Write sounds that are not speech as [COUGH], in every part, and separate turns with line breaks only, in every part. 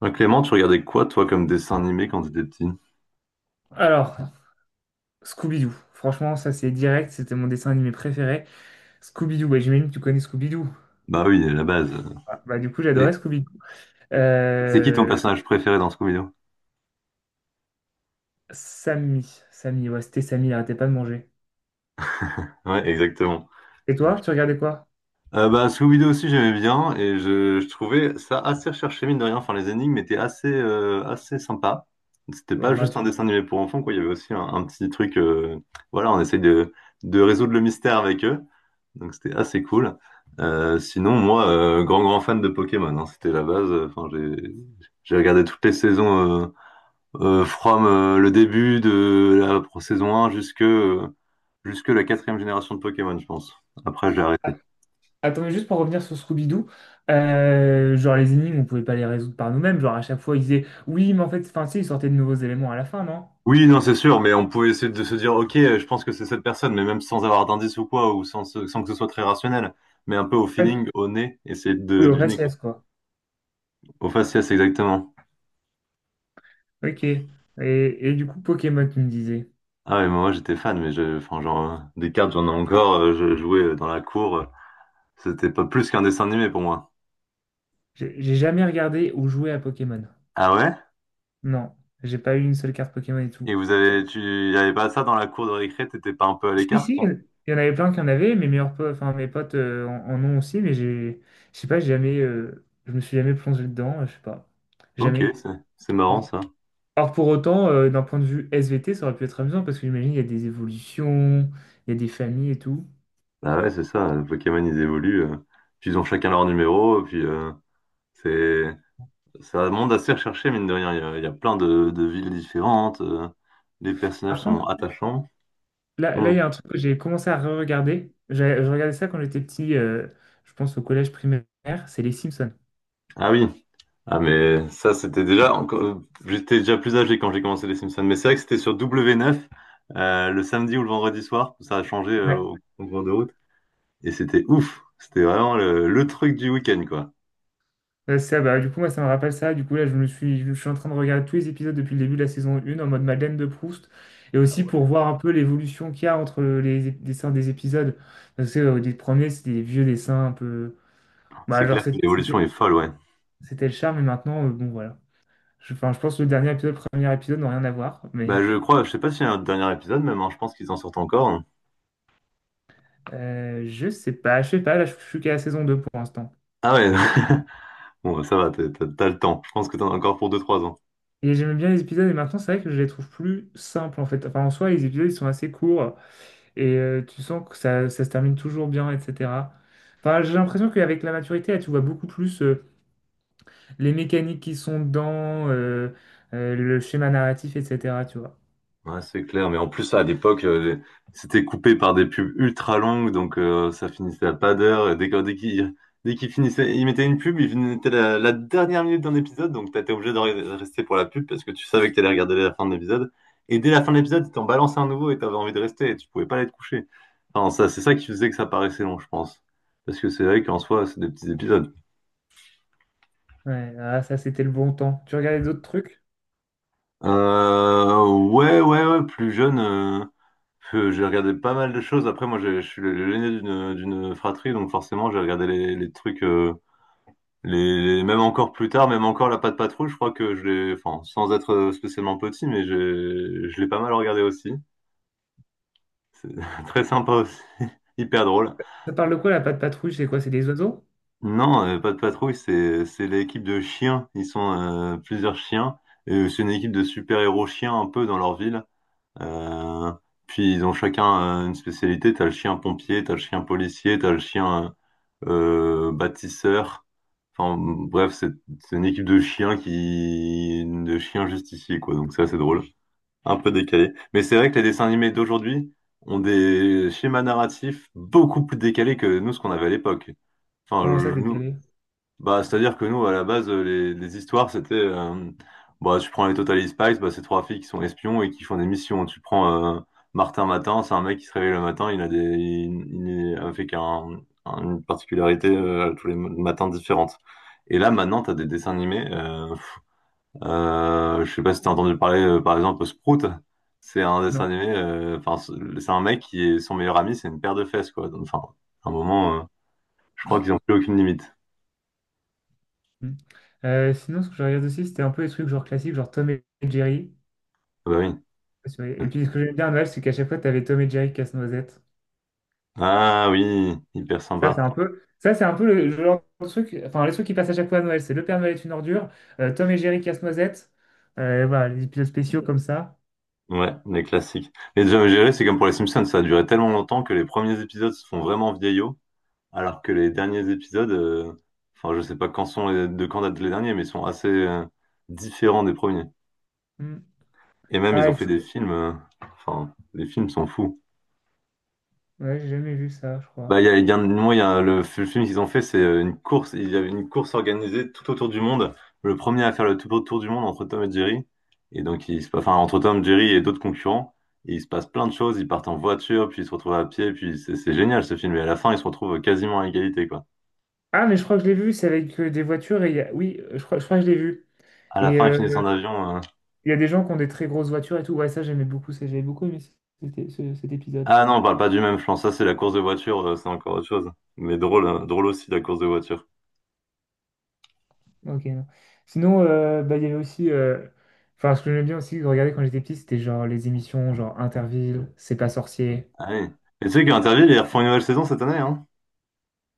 Ah, Clément, tu regardais quoi, toi, comme dessin animé quand t'étais petit?
Alors, Scooby-Doo. Franchement, ça c'est direct, c'était mon dessin animé préféré. Scooby-Doo, bah, j'imagine que tu connais Scooby-Doo.
Bah oui, la base.
Ah, bah, du coup,
Et
j'adorais Scooby-Doo.
c'est qui ton
Euh,
personnage préféré dans Scooby-Doo?
Samy, Samy, ouais, c'était Samy, il arrêtait pas de manger.
Ouais, exactement.
Et
Et
toi,
puis-
tu regardais quoi?
Scooby-Doo aussi, j'aimais bien et je trouvais ça assez recherché, mine de rien. Enfin, les énigmes étaient assez, assez sympas. C'était
Bon,
pas
enfin,
juste
tu-
un dessin animé pour enfants, quoi. Il y avait aussi un petit truc, voilà, on essaye de résoudre le mystère avec eux. Donc, c'était assez cool. Sinon, moi, grand fan de Pokémon, hein. C'était la base. J'ai regardé toutes les saisons. From le début de la saison 1 jusque, jusque la quatrième génération de Pokémon, je pense. Après, j'ai arrêté.
Attends, mais juste pour revenir sur Scooby-Doo, genre les énigmes, on pouvait pas les résoudre par nous-mêmes. Genre à chaque fois, ils disaient oui, mais en fait, enfin, si, ils sortaient de nouveaux éléments à la fin, non?
Oui, non, c'est sûr, mais on pouvait essayer de se dire, ok, je pense que c'est cette personne, mais même sans avoir d'indice ou quoi, ou sans que ce soit très rationnel, mais un peu au
Ah,
feeling, au nez, essayer
oui,
de
en
deviner, quoi.
faciès, quoi.
Au faciès, exactement.
Ok. Et du coup, Pokémon, tu me disais.
Ah ouais, moi j'étais fan, mais des cartes, j'en ai encore, je jouais dans la cour, c'était pas plus qu'un dessin animé pour moi.
J'ai jamais regardé ou joué à Pokémon.
Ah ouais?
Non, j'ai pas eu une seule carte Pokémon et
Et
tout.
y avait pas ça dans la cour de récré, t'étais pas un peu à
Si,
l'écart?
si, il y en avait plein qui en avaient, mes meilleurs potes, enfin mes potes en, en ont aussi, mais je sais pas, j'ai jamais, je me suis jamais plongé dedans, je sais pas,
Ok,
jamais.
c'est
Non.
marrant ça.
Alors pour autant, d'un point de vue SVT, ça aurait pu être amusant parce que j'imagine il y a des évolutions, il y a des familles et tout.
Bah ouais, c'est ça, les Pokémon ils évoluent, puis ils ont chacun leur numéro, puis c'est c'est un monde assez recherché, mine de rien. Il y a plein de villes différentes, les personnages
Par contre,
sont attachants.
là
Hmm.
il y a un truc que j'ai commencé à re-regarder. J'ai- Je regardais ça quand j'étais petit, je pense au collège primaire, c'est les Simpsons.
Ah oui, ah mais ça c'était j'étais déjà plus âgé quand j'ai commencé les Simpsons, mais c'est vrai que c'était sur W9, le samedi ou le vendredi soir, ça a changé au cours de route, et c'était ouf, c'était vraiment le truc du week-end quoi.
Du coup, moi, ça me rappelle ça. Du coup, là, je suis en train de regarder tous les épisodes depuis le début de la saison 1 en mode Madeleine de Proust. Et aussi pour voir un peu l'évolution qu'il y a entre les ép- dessins des épisodes. Parce que, des premiers, c'était des vieux dessins un peu. Bah,
C'est
genre,
clair que l'évolution est folle, ouais.
c'était le charme. Et maintenant, bon, voilà. Enfin, je pense que le dernier épisode, le premier épisode, n'ont rien à voir. Mais
Bah, je sais pas s'il y a un dernier épisode même, hein, je pense qu'ils en sortent encore, hein.
je sais pas. Je sais pas. Là, je suis qu'à la saison 2 pour l'instant.
Ah ouais, [LAUGHS] bon, ça va, t'as le temps. Je pense que t'en as encore pour deux trois ans.
Et j'aimais bien les épisodes. Et maintenant, c'est vrai que je les trouve plus simples, en fait. Enfin, en soi, les épisodes, ils sont assez courts, et tu sens que ça se termine toujours bien, etc. Enfin, j'ai l'impression qu'avec la maturité, là, tu vois beaucoup plus les mécaniques qui sont dedans, le schéma narratif, etc. Tu vois.
Ouais, c'est clair, mais en plus à l'époque, c'était coupé par des pubs ultra longues, donc ça finissait à pas d'heure. Et dès qu'il finissait, il mettait une pub, il mettait la dernière minute d'un épisode, donc t'étais obligé de rester pour la pub parce que tu savais que t'allais regarder la fin de l'épisode. Et dès la fin de l'épisode, ils t'en balançaient un nouveau et t'avais envie de rester et tu pouvais pas aller te coucher. Enfin, ça, c'est ça qui faisait que ça paraissait long, je pense. Parce que c'est vrai qu'en soi, c'est des petits épisodes.
Ouais, ah, ça, c'était le bon temps. Tu regardais d'autres trucs?
Ouais, ouais, ouais, plus jeune, j'ai regardé pas mal de choses. Après, moi, je suis l'aîné d'une fratrie, donc forcément, j'ai regardé les trucs, même encore plus tard, même encore La Patte Patrouille. Je crois que je l'ai, enfin, sans être spécialement petit, je l'ai pas mal regardé aussi. C'est [LAUGHS] très sympa aussi, [LAUGHS] hyper drôle.
Ça parle de quoi, la patte patrouille? C'est quoi? C'est des oiseaux?
Non, Patte Patrouille, c'est l'équipe de chiens. Ils sont plusieurs chiens, et c'est une équipe de super-héros chiens un peu dans leur ville. Euh, Puis ils ont chacun une spécialité. T'as le chien pompier, t'as le chien policier, t'as le chien bâtisseur. Enfin bref, c'est une équipe de chiens qui de chiens justiciers quoi. Donc c'est assez drôle, un peu décalé. Mais c'est vrai que les dessins animés d'aujourd'hui ont des schémas narratifs beaucoup plus décalés que nous ce qu'on avait à l'époque. Enfin
Comment ça,
je- nous,
décalé?
Bah, c'est-à-dire que nous, à la base, les histoires, bah, tu prends les Total Spies, bah, c'est trois filles qui sont espions et qui font des missions. Tu prends Martin Matin, c'est un mec qui se réveille le matin, il a des, il est avec une particularité tous les matins différentes. Et là, maintenant, t'as des dessins animés. Je sais pas si t'as entendu parler, par exemple, Sprout. C'est un dessin
Non.
animé, enfin, c'est un mec qui est son meilleur ami, c'est une paire de fesses, quoi. Donc, enfin, à un moment, je crois qu'ils ont plus aucune limite.
Hmm. Sinon, ce que je regarde aussi, c'était un peu les trucs genre classiques, genre Tom et Jerry.
Ah bah oui.
Et puis, ce que j'aime bien à Noël, c'est qu'à chaque fois, tu avais Tom et Jerry casse-noisette.
Ah oui, hyper
Ça, c'est
sympa.
un peu, ça, c'est un peu le genre de truc, enfin, les trucs qui passent à chaque fois à Noël, c'est Le Père Noël est une ordure, Tom et Jerry casse-noisette, voilà, les épisodes spéciaux comme ça.
Ouais, les classiques. Les Jam Gérés, c'est comme pour les Simpsons, ça a duré tellement longtemps que les premiers épisodes se font vraiment vieillots, alors que les derniers épisodes, enfin je sais pas quand sont de quand datent les derniers, mais ils sont assez différents des premiers.
Hmm.
Et même ils
Ah,
ont
et
fait des
c'est-
films, enfin les films sont fous.
ouais, j'ai jamais vu ça, je
Bah,
crois.
il y a, un- moi, il y a le film qu'ils ont fait, c'est une course. Il y avait une course organisée tout autour du monde. Le premier à faire le tout autour du monde entre Tom et Jerry. Et donc, enfin, entre Tom, Jerry et d'autres concurrents. Et il se passe plein de choses. Ils partent en voiture, puis ils se retrouvent à pied. Puis c'est génial ce film. Et à la fin, ils se retrouvent quasiment à égalité, quoi.
Ah, mais je crois que je l'ai vu, c'est avec des voitures et il y a... Oui, je crois que je l'ai vu.
À la
et.
fin, ils finissent
euh,
en avion, euh.
Il y a des gens qui ont des très grosses voitures et tout. Ouais, ça, j'aimais beaucoup. Ça, j'avais beaucoup aimé cet épisode.
Ah non, on parle pas du même, je pense. Ça, c'est la course de voiture, c'est encore autre chose. Mais drôle, hein, drôle aussi, la course de voiture.
Ok, non. Sinon, il y avait aussi. Enfin, ce que j'aimais bien aussi de regarder quand j'étais petit, c'était genre les émissions, genre Interville, C'est pas sorcier.
Ah oui. Et tu sais qu'Interville, ils refont une nouvelle saison cette année, hein.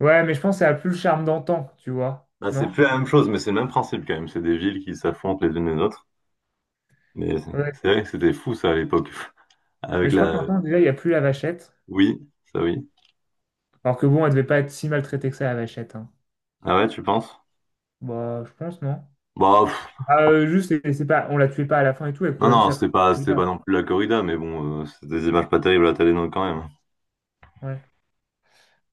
Ouais, mais je pense que ça a plus le charme d'antan, tu vois.
Ah, c'est
Non?
plus la même chose, mais c'est le même principe quand même. C'est des villes qui s'affrontent les unes les autres. Mais
Ouais.
c'est vrai que c'était fou ça à l'époque. [LAUGHS]
Mais
Avec
je crois que
la...
maintenant, déjà, il n'y a plus la vachette.
Oui, ça oui.
Alors que bon, elle devait pas être si maltraitée que ça, la vachette, hein.
Ah ouais, tu penses?
Bah, je pense, non?
Bah, pff,
Ah, juste, c'est pas, on la tuait pas à la fin et tout, elle
non,
courait juste après.
c'était pas non plus la corrida, mais bon, c'est des images pas terribles à la télé non, quand même, hein.
Ouais.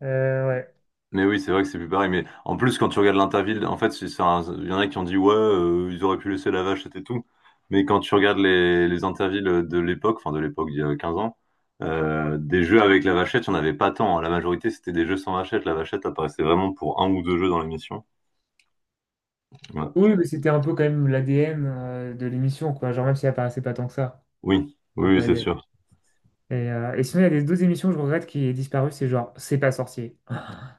Ouais.
Mais oui, c'est vrai que c'est plus pareil. Mais en plus, quand tu regardes l'Interville, en fait, il y en a qui ont dit, ouais, ils auraient pu laisser la vache, c'était tout. Mais quand tu regardes les Intervilles de l'époque, enfin de l'époque d'il y a 15 ans, des jeux avec la vachette, il n'y en avait pas tant, hein. La majorité, c'était des jeux sans vachette. La vachette apparaissait vraiment pour un ou deux jeux dans l'émission. Ouais.
Oui, mais c'était un peu quand même l'ADN de l'émission, quoi. Genre, même si elle apparaissait pas tant que ça.
Oui,
Un
oui,
peu
oui, c'est
ADN.
sûr.
Et sinon, il y a des deux émissions que je regrette qui est disparu, c'est genre C'est pas sorcier.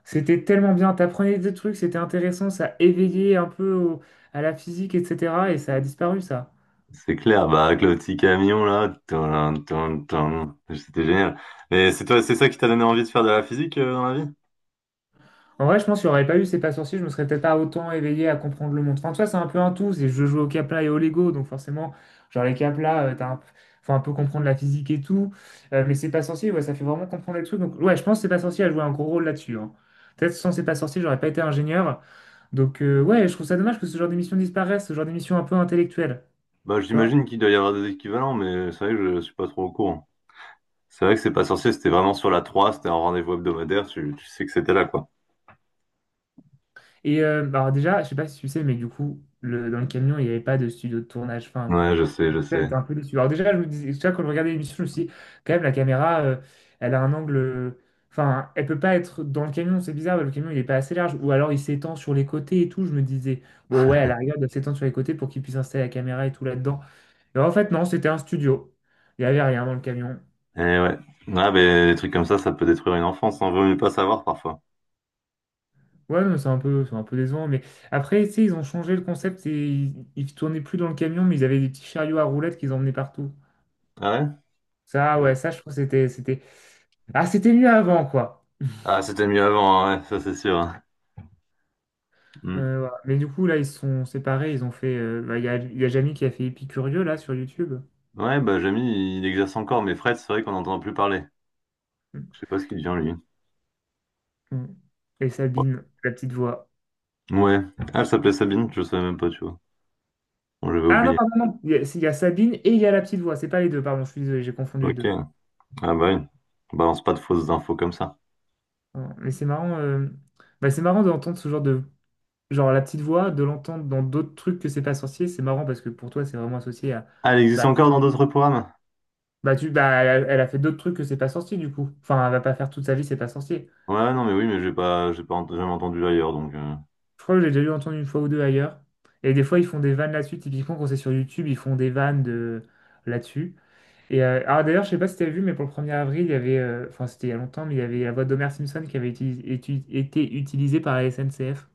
C'était tellement bien, t'apprenais des trucs, c'était intéressant, ça éveillait un peu au- à la physique, etc. Et ça a disparu, ça.
C'est clair, bah, avec le petit camion, là. Tin, tin, tin. C'était génial. Et c'est toi, c'est ça qui t'a donné envie de faire de la physique, dans la vie?
En vrai, je pense qu'il n'y aurait pas eu ces pas sorciers, je me serais peut-être pas autant éveillé à comprendre le monde. Enfin, tu vois, c'est un peu un tout. C'est je joue au Capla et au Lego, donc forcément, genre les Capla, t'as un- faut un peu comprendre la physique et tout. Mais c'est pas sorcier, ouais, ça fait vraiment comprendre les trucs. Donc ouais, je pense que c'est pas sorcier a joué un gros rôle là-dessus, hein. Peut-être sans c'est pas sorcier, j'aurais pas été ingénieur. Donc ouais, je trouve ça dommage que ce genre d'émission disparaisse, ce genre d'émission un peu intellectuelle,
Bah,
tu vois.
j'imagine qu'il doit y avoir des équivalents, mais c'est vrai que je suis pas trop au courant. C'est vrai que c'est pas sorcier, c'était vraiment sur la 3, c'était un rendez-vous hebdomadaire, tu sais que c'était là, quoi.
Et bah, alors déjà, je sais pas si tu sais, mais du coup, dans le camion, il n'y avait pas de studio de tournage. Enfin,
Ouais, je sais, je
là,
sais.
j'étais un peu déçu. Alors déjà, je me disais, déjà, quand je regardais l'émission, je me suis dit, quand même, la caméra, elle a un angle... Enfin, elle peut pas être dans le camion, c'est bizarre, le camion, il est pas assez large. Ou alors, il s'étend sur les côtés et tout. Je me disais, bon, ouais, à l'arrière, il doit s'étendre sur les côtés pour qu'il puisse installer la caméra et tout là-dedans. Et en fait, non, c'était un studio. Il y avait rien dans le camion.
Eh ouais. Ah, mais des trucs comme ça peut détruire une enfance, on vaut mieux pas savoir parfois.
Ouais, non, c'est un peu décevant. Mais après, tu sais, ils ont changé le concept et ils tournaient plus dans le camion, mais ils avaient des petits chariots à roulettes qu'ils emmenaient partout.
Ah
Ça, ouais,
ouais?
ça, je trouve que c'était... Ah, c'était mieux avant, quoi.
Ah, c'était mieux avant, hein, ouais, ça c'est sûr, hein. Hmm.
Voilà. Mais du coup, là, ils se sont séparés. Ils ont fait. Il y a Jamie qui a fait Épicurieux, là, sur YouTube.
Ouais, bah Jamie, il exerce encore, mais Fred, c'est vrai qu'on n'entend plus parler.
Mm.
Je sais pas ce qu'il devient, lui.
Mm. Et Sabine, la petite voix.
Ouais. Ah, elle s'appelait Sabine, je savais même pas, tu vois. Bon, j'avais
Ah non,
oublié.
pardon, non. Il y a Sabine et il y a la petite voix. C'est pas les deux, pardon. Je suis désolé, j'ai confondu les
Ok.
deux.
Ah bah oui. Balance pas de fausses infos comme ça.
Voilà. Mais c'est marrant. Bah, c'est marrant d'entendre ce genre de. Genre, la petite voix, de l'entendre dans d'autres trucs que c'est pas sorcier. C'est marrant parce que pour toi, c'est vraiment associé à.
Ah, elle existe
Bah,
encore dans d'autres programmes?
bah, elle a fait d'autres trucs que c'est pas sorcier, du coup. Enfin, elle va pas faire toute sa vie, c'est pas sorcier.
Ouais, non, mais oui, mais j'ai pas ent- jamais entendu ailleurs, donc, euh.
Je crois que j'ai déjà eu entendu une fois ou deux ailleurs. Et des fois, ils font des vannes là-dessus. Typiquement, quand c'est sur YouTube, ils font des vannes de... là-dessus. Et alors d'ailleurs, je sais pas si tu as vu, mais pour le premier avril, enfin c'était il y a longtemps, mais il y avait la voix d'Homer Simpson qui avait été utilisée par la SNCF.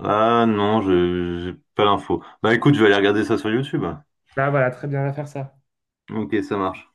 Ah non, j'ai pas l'info. Bah écoute, je vais aller regarder ça sur YouTube.
Bah voilà, très bien, on va faire ça.
Ok, ça marche.